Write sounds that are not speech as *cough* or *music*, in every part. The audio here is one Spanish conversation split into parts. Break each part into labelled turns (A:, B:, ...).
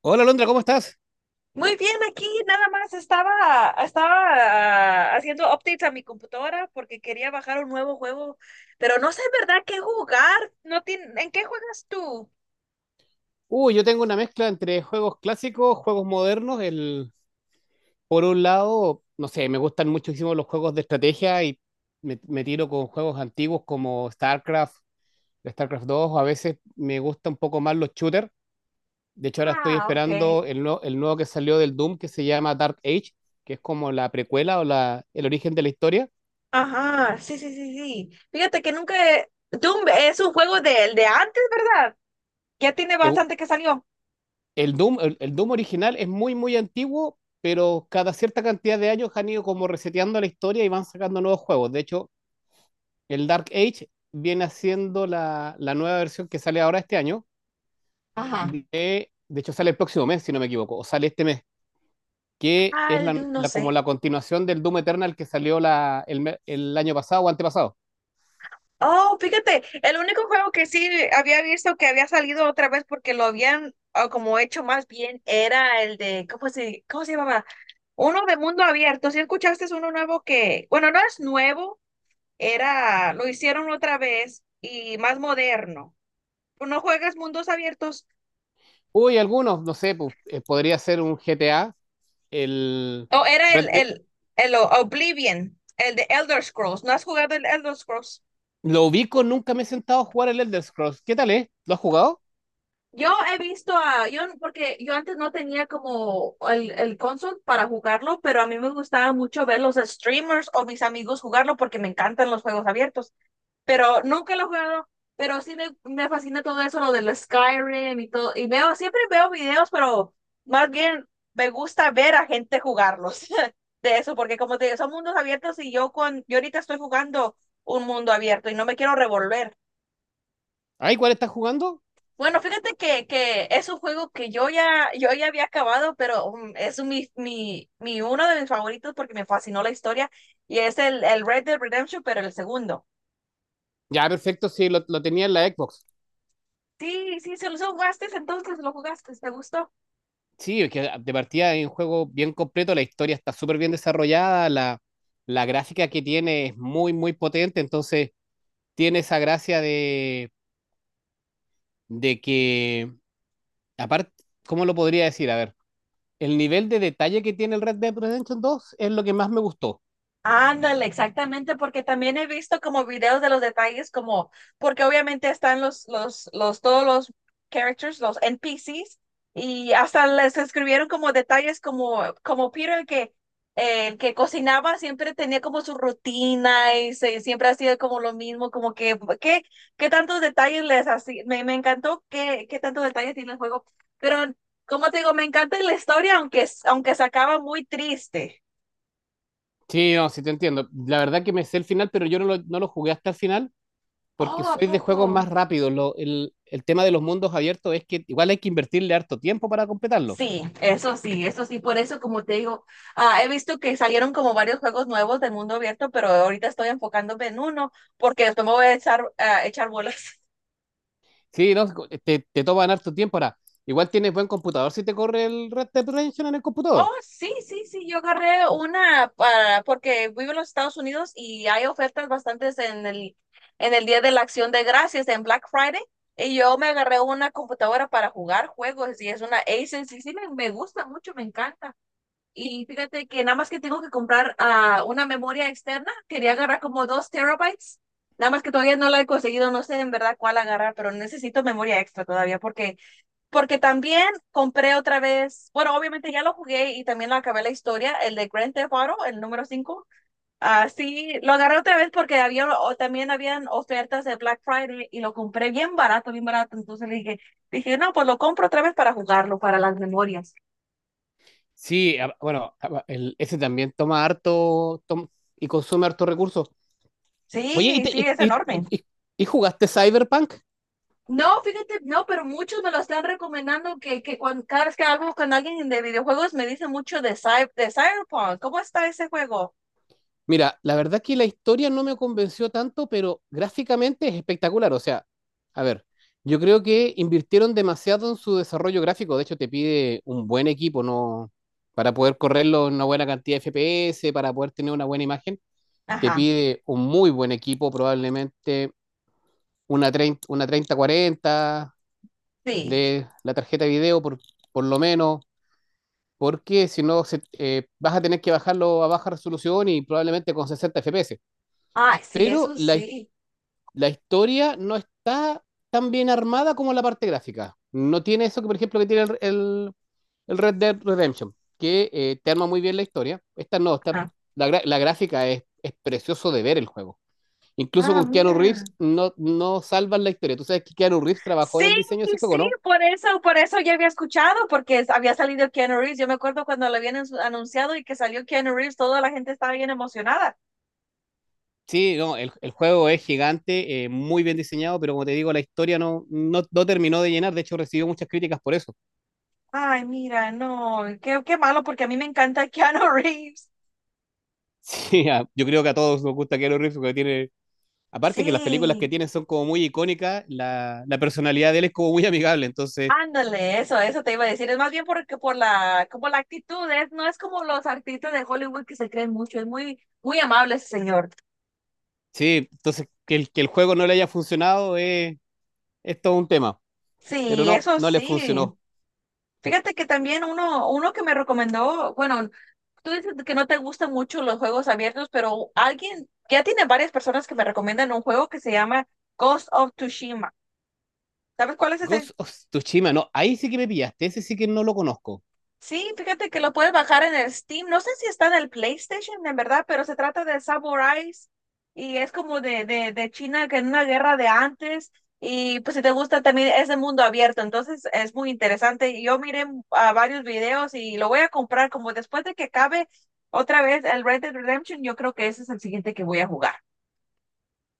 A: Hola Londra, ¿cómo estás?
B: Muy bien, aquí nada más estaba haciendo updates a mi computadora porque quería bajar un nuevo juego, pero no sé en verdad qué jugar. No tiene, ¿en qué juegas tú?
A: Uy, yo tengo una mezcla entre juegos clásicos, juegos modernos. Por un lado, no sé, me gustan muchísimo los juegos de estrategia y me tiro con juegos antiguos como StarCraft, StarCraft dos. A veces me gusta un poco más los shooters. De hecho, ahora estoy
B: Ah, ok.
A: esperando el nuevo que salió del Doom que se llama Dark Age, que es como la precuela o el origen de la historia.
B: Ajá, sí, sí, sí, sí. Fíjate que nunca... Doom es un juego del de antes, ¿verdad? Ya tiene
A: Es,
B: bastante que salió.
A: El Doom, el Doom original es muy, muy antiguo, pero cada cierta cantidad de años han ido como reseteando la historia y van sacando nuevos juegos. De hecho, el Dark Age viene haciendo la nueva versión que sale ahora este año.
B: Ajá.
A: De, de hecho, sale el próximo mes, si no me equivoco, o sale este mes, que
B: Ah,
A: es
B: el Doom, no
A: como
B: sé.
A: la continuación del Doom Eternal que salió el año pasado o antepasado.
B: Oh, fíjate, el único juego que sí había visto que había salido otra vez porque lo habían como hecho más bien era el de, cómo se llamaba? Uno de mundo abierto. Si escuchaste es uno nuevo que, bueno, no es nuevo, era, lo hicieron otra vez y más moderno. Tú, ¿no juegas mundos abiertos?
A: Uy, algunos, no sé, pues, podría ser un GTA, el
B: O era
A: Red Dead-
B: el Oblivion, el de Elder Scrolls. ¿No has jugado el Elder Scrolls?
A: Lo ubico, nunca me he sentado a jugar el Elder Scrolls. ¿Qué tal es? ¿Lo has jugado?
B: Yo he visto a, yo, porque yo antes no tenía como el console para jugarlo, pero a mí me gustaba mucho ver los streamers o mis amigos jugarlo porque me encantan los juegos abiertos, pero nunca lo he jugado, pero sí me fascina todo eso, lo del Skyrim y todo, y veo, siempre veo videos, pero más bien me gusta ver a gente jugarlos *laughs* de eso, porque como te digo, son mundos abiertos y yo con, yo ahorita estoy jugando un mundo abierto y no me quiero revolver.
A: Ah, igual estás jugando.
B: Bueno, fíjate que es un juego que yo ya había acabado, pero mi uno de mis favoritos porque me fascinó la historia y es el Red Dead Redemption, pero el segundo.
A: Ya, perfecto, sí, lo tenía en la Xbox.
B: Sí, sí, se lo jugaste, entonces lo jugaste, ¿te gustó?
A: Sí, es que de partida es un juego bien completo, la historia está súper bien desarrollada, la gráfica que tiene es muy, muy potente, entonces tiene esa gracia de que, aparte, ¿cómo lo podría decir? A ver, el nivel de detalle que tiene el Red Dead Redemption dos es lo que más me gustó.
B: Ándale, exactamente, porque también he visto como videos de los detalles, como, porque obviamente están todos los characters, los NPCs, y hasta les escribieron como detalles como, como Peter, que el que cocinaba siempre tenía como su rutina y se, siempre hacía como lo mismo, como que, ¿qué, qué tantos detalles les hacía? Me encantó qué, qué tantos detalles tiene el juego, pero como te digo, me encanta la historia, aunque, aunque se acaba muy triste.
A: Sí, no, sí te entiendo. La verdad que me sé el final, pero yo no no lo jugué hasta el final porque
B: Oh, ¿a
A: soy de juegos
B: poco?
A: más rápidos. El tema de los mundos abiertos es que igual hay que invertirle harto tiempo para completarlo.
B: Sí, eso sí, eso sí, por eso como te digo, he visto que salieron como varios juegos nuevos del mundo abierto, pero ahorita estoy enfocándome en uno porque después me voy a echar bolas. *laughs*
A: Sí, no, te toman harto tiempo. Ahora, igual tienes buen computador si te corre el Red Dead Redemption en el computador.
B: Oh, sí, sí, sí, yo agarré una para, porque vivo en los Estados Unidos y hay ofertas bastantes en en el Día de la Acción de Gracias, en Black Friday, y yo me agarré una computadora para jugar juegos y es una Asus y sí me gusta mucho, me encanta. Y fíjate que nada más que tengo que comprar una memoria externa. Quería agarrar como dos terabytes. Nada más que todavía no la he conseguido. No sé en verdad cuál agarrar, pero necesito memoria extra todavía porque, porque también compré otra vez. Bueno, obviamente ya lo jugué y también lo acabé la historia, el de Grand Theft Auto, el número cinco. Así lo agarré otra vez porque había o también habían ofertas de Black Friday y lo compré bien barato, bien barato. Entonces le dije, dije, no, pues lo compro otra vez para jugarlo, para las memorias.
A: Sí, ese también toma y consume harto recursos. Oye,
B: Sí, sí, es enorme.
A: y- y jugaste Cyberpunk?
B: No, fíjate, no, pero muchos me lo están recomendando que cuando, cada vez que hablo con alguien de videojuegos me dicen mucho de, de Cyberpunk. ¿Cómo está ese juego?
A: Mira, la verdad que la historia no me convenció tanto, pero gráficamente es espectacular. O sea, a ver, yo creo que invirtieron demasiado en su desarrollo gráfico. De hecho, te pide un buen equipo, ¿no? Para poder correrlo en una buena cantidad de FPS, para poder tener una buena imagen, te
B: Ajá,
A: pide un muy buen equipo, probablemente una treinta cuarenta
B: sí.
A: de la tarjeta de video, por lo menos, porque si no, vas a tener que bajarlo a baja resolución y probablemente con 60 FPS.
B: Ay, sí,
A: Pero
B: eso sí.
A: la historia no está tan bien armada como la parte gráfica. No tiene eso que, por ejemplo, que tiene el Red Dead Redemption, que te arma muy bien la historia. Esta no, esta,
B: Ajá.
A: la gráfica es precioso de ver el juego. Incluso
B: Ah,
A: con Keanu Reeves
B: mira.
A: no, no salvan la historia. Tú sabes que Keanu Reeves trabajó
B: Sí,
A: en el diseño de ese
B: sí,
A: juego, ¿no?
B: por eso ya había escuchado, porque había salido Keanu Reeves. Yo me acuerdo cuando lo habían anunciado y que salió Keanu Reeves, toda la gente estaba bien emocionada.
A: Sí, no, el juego es gigante, muy bien diseñado, pero como te digo, la historia no, no, no terminó de llenar. De hecho, recibió muchas críticas por eso. *laughs*
B: Ay, mira, no, qué, qué malo, porque a mí me encanta *laughs* Keanu Reeves.
A: Sí, a- yo creo que a todos nos gusta Keanu Reeves porque tiene aparte que las películas que
B: Sí.
A: tiene son como muy icónicas, la personalidad de él es como muy amigable, entonces,
B: Ándale, eso te iba a decir. Es más bien porque por la, como la actitud, es, no es como los artistas de Hollywood que se creen mucho, es muy, muy amable ese señor.
A: sí, entonces que que el juego no le haya funcionado es todo un tema, pero
B: Sí,
A: no,
B: eso
A: no le
B: sí.
A: funcionó.
B: Fíjate que también uno que me recomendó, bueno, tú dices que no te gustan mucho los juegos abiertos, pero alguien, ya tiene varias personas que me recomiendan un juego que se llama Ghost of Tsushima. ¿Sabes cuál es ese?
A: Ghost of Tsushima, no, ahí sí que me pillaste, ese sí que no lo conozco.
B: Sí, fíjate que lo puedes bajar en el Steam. No sé si está en el PlayStation, en verdad, pero se trata de samuráis y es como de China que en una guerra de antes. Y pues si te gusta también es de mundo abierto, entonces es muy interesante. Y yo miré a varios videos y lo voy a comprar como después de que acabe otra vez el Red Dead Redemption. Yo creo que ese es el siguiente que voy a jugar.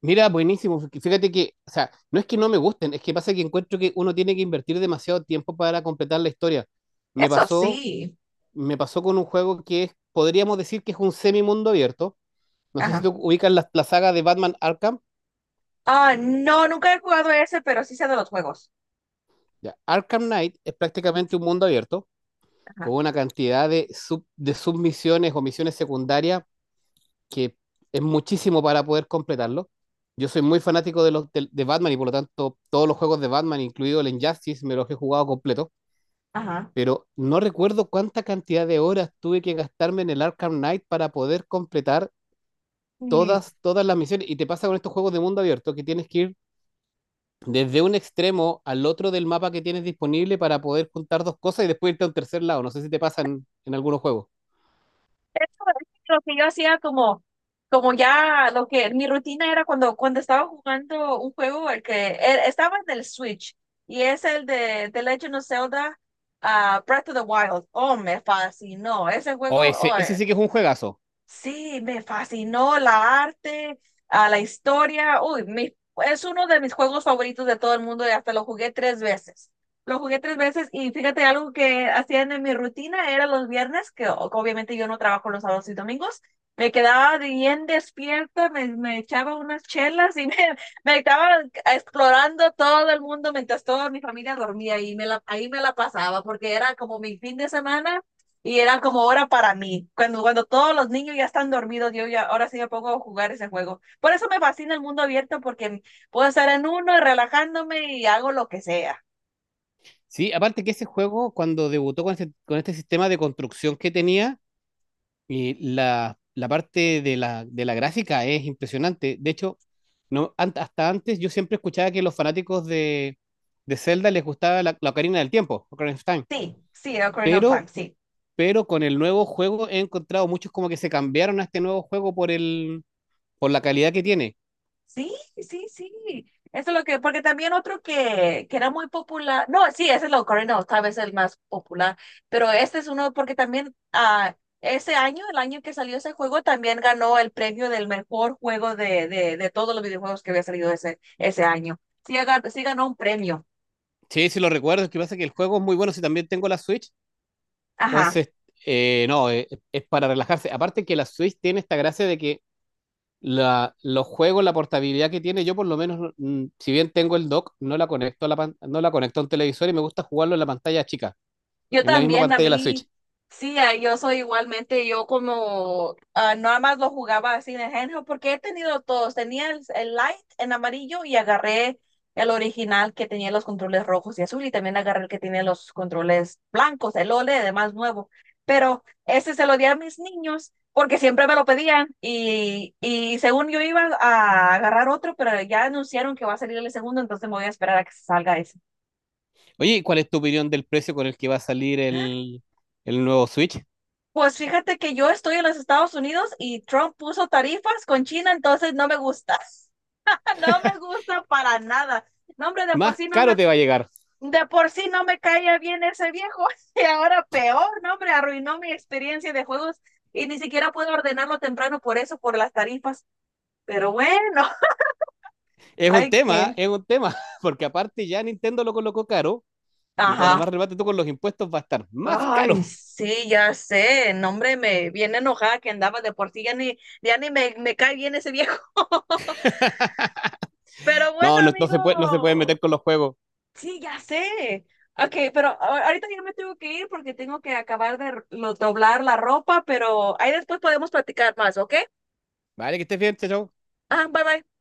A: Mira, buenísimo, fíjate que, o sea, no es que no me gusten, es que pasa que encuentro que uno tiene que invertir demasiado tiempo para completar la historia. Me
B: Eso
A: pasó,
B: sí.
A: Me pasó con un juego que es, podríamos decir que es un semi mundo abierto, no sé si tú
B: Ajá.
A: ubicas la saga de Batman Arkham.
B: Ah, no, nunca he jugado ese, pero sí sé de los juegos.
A: Ya. Arkham Knight es prácticamente un mundo abierto con
B: Ajá.
A: una cantidad de, de submisiones o misiones secundarias que es muchísimo para poder completarlo. Yo soy muy fanático de Batman y por lo tanto todos los juegos de Batman, incluido el Injustice, me los he jugado completo,
B: Ajá.
A: pero no recuerdo cuánta cantidad de horas tuve que gastarme en el Arkham Knight para poder completar
B: Sí.
A: todas, todas las misiones. Y te pasa con estos juegos de mundo abierto que tienes que ir desde un extremo al otro del mapa que tienes disponible para poder juntar dos cosas y después irte a un tercer lado. No sé si te pasa en algunos juegos.
B: Eso es lo que yo hacía como, como ya lo que mi rutina era cuando, cuando estaba jugando un juego, el que estaba en el Switch y es el de The Legend of Zelda Breath of the Wild. Oh, me fascinó. Ese juego,
A: O
B: oh.
A: ese sí que es un juegazo.
B: Sí, me fascinó la arte, a la historia. Uy, es uno de mis juegos favoritos de todo el mundo y hasta lo jugué tres veces. Lo jugué tres veces y fíjate, algo que hacían en mi rutina era los viernes, que obviamente yo no trabajo los sábados y domingos. Me quedaba bien despierta, me echaba unas chelas y me, *laughs* me estaba explorando todo el mundo mientras toda mi familia dormía y me la, ahí me la pasaba porque era como mi fin de semana y eran como hora para mí, cuando, cuando todos los niños ya están dormidos, yo ya ahora sí me pongo a jugar ese juego. Por eso me fascina el mundo abierto, porque puedo estar en uno y relajándome y hago lo que sea.
A: Sí, aparte que ese juego, cuando debutó con este sistema de construcción que tenía, y la parte de de la gráfica es impresionante. De hecho, no, hasta antes yo siempre escuchaba que los fanáticos de Zelda les gustaba la Ocarina del Tiempo, Ocarina of Time.
B: Sí, sí, Ocarina of Time,
A: Pero,
B: sí.
A: pero con el nuevo juego he encontrado muchos como que se cambiaron a este nuevo juego por por la calidad que tiene.
B: Sí, sí, sí. Eso es lo que, porque también otro que era muy popular, no, sí, ese es lo Cardinals, tal vez el más popular, pero este es uno porque también ese año, el año que salió ese juego, también ganó el premio del mejor juego de todos los videojuegos que había salido ese, ese año. Sí, sí ganó un premio.
A: Sí, sí lo recuerdo, es que pasa que el juego es muy bueno si también tengo la Switch,
B: Ajá.
A: entonces, no, es para relajarse. Aparte que la Switch tiene esta gracia de que los juegos, la portabilidad que tiene, yo por lo menos, si bien tengo el dock, no la conecto a no la conecto a un televisor y me gusta jugarlo en la pantalla chica,
B: Yo
A: en la misma
B: también, a
A: pantalla de la Switch.
B: mí, sí, yo soy igualmente, yo como nada más lo jugaba así en el handheld, porque he tenido todos, tenía el light en amarillo y agarré el original que tenía los controles rojos y azul y también agarré el que tiene los controles blancos, el OLED, más nuevo, pero ese se lo di a mis niños porque siempre me lo pedían y según yo iba a agarrar otro, pero ya anunciaron que va a salir el segundo, entonces me voy a esperar a que salga ese.
A: Oye, ¿cuál es tu opinión del precio con el que va a salir el nuevo Switch?
B: Pues fíjate que yo estoy en los Estados Unidos y Trump puso tarifas con China, entonces no me gusta, *laughs* no me gusta para nada. No, hombre,
A: Más caro te va a llegar.
B: de por sí no me caía bien ese viejo *laughs* y ahora peor, no, hombre, arruinó mi experiencia de juegos y ni siquiera puedo ordenarlo temprano por eso, por las tarifas. Pero bueno, *laughs* hay que,
A: Es un tema, *laughs* porque aparte ya Nintendo lo colocó caro. Y para
B: ajá.
A: más remate, tú con los impuestos va a estar más caro.
B: Ay, sí, ya sé, no, hombre, me viene enojada que andaba de por sí, ya ni me cae bien ese viejo. *laughs*
A: *laughs*
B: Pero bueno,
A: No, no, no se puede, no se pueden
B: amigo,
A: meter con los juegos.
B: sí, ya sé. Ok, pero ahorita ya me tengo que ir porque tengo que acabar de doblar la ropa, pero ahí después podemos platicar más, ¿ok?
A: Vale, que estés bien, chao. Chao.
B: Ah, bye bye.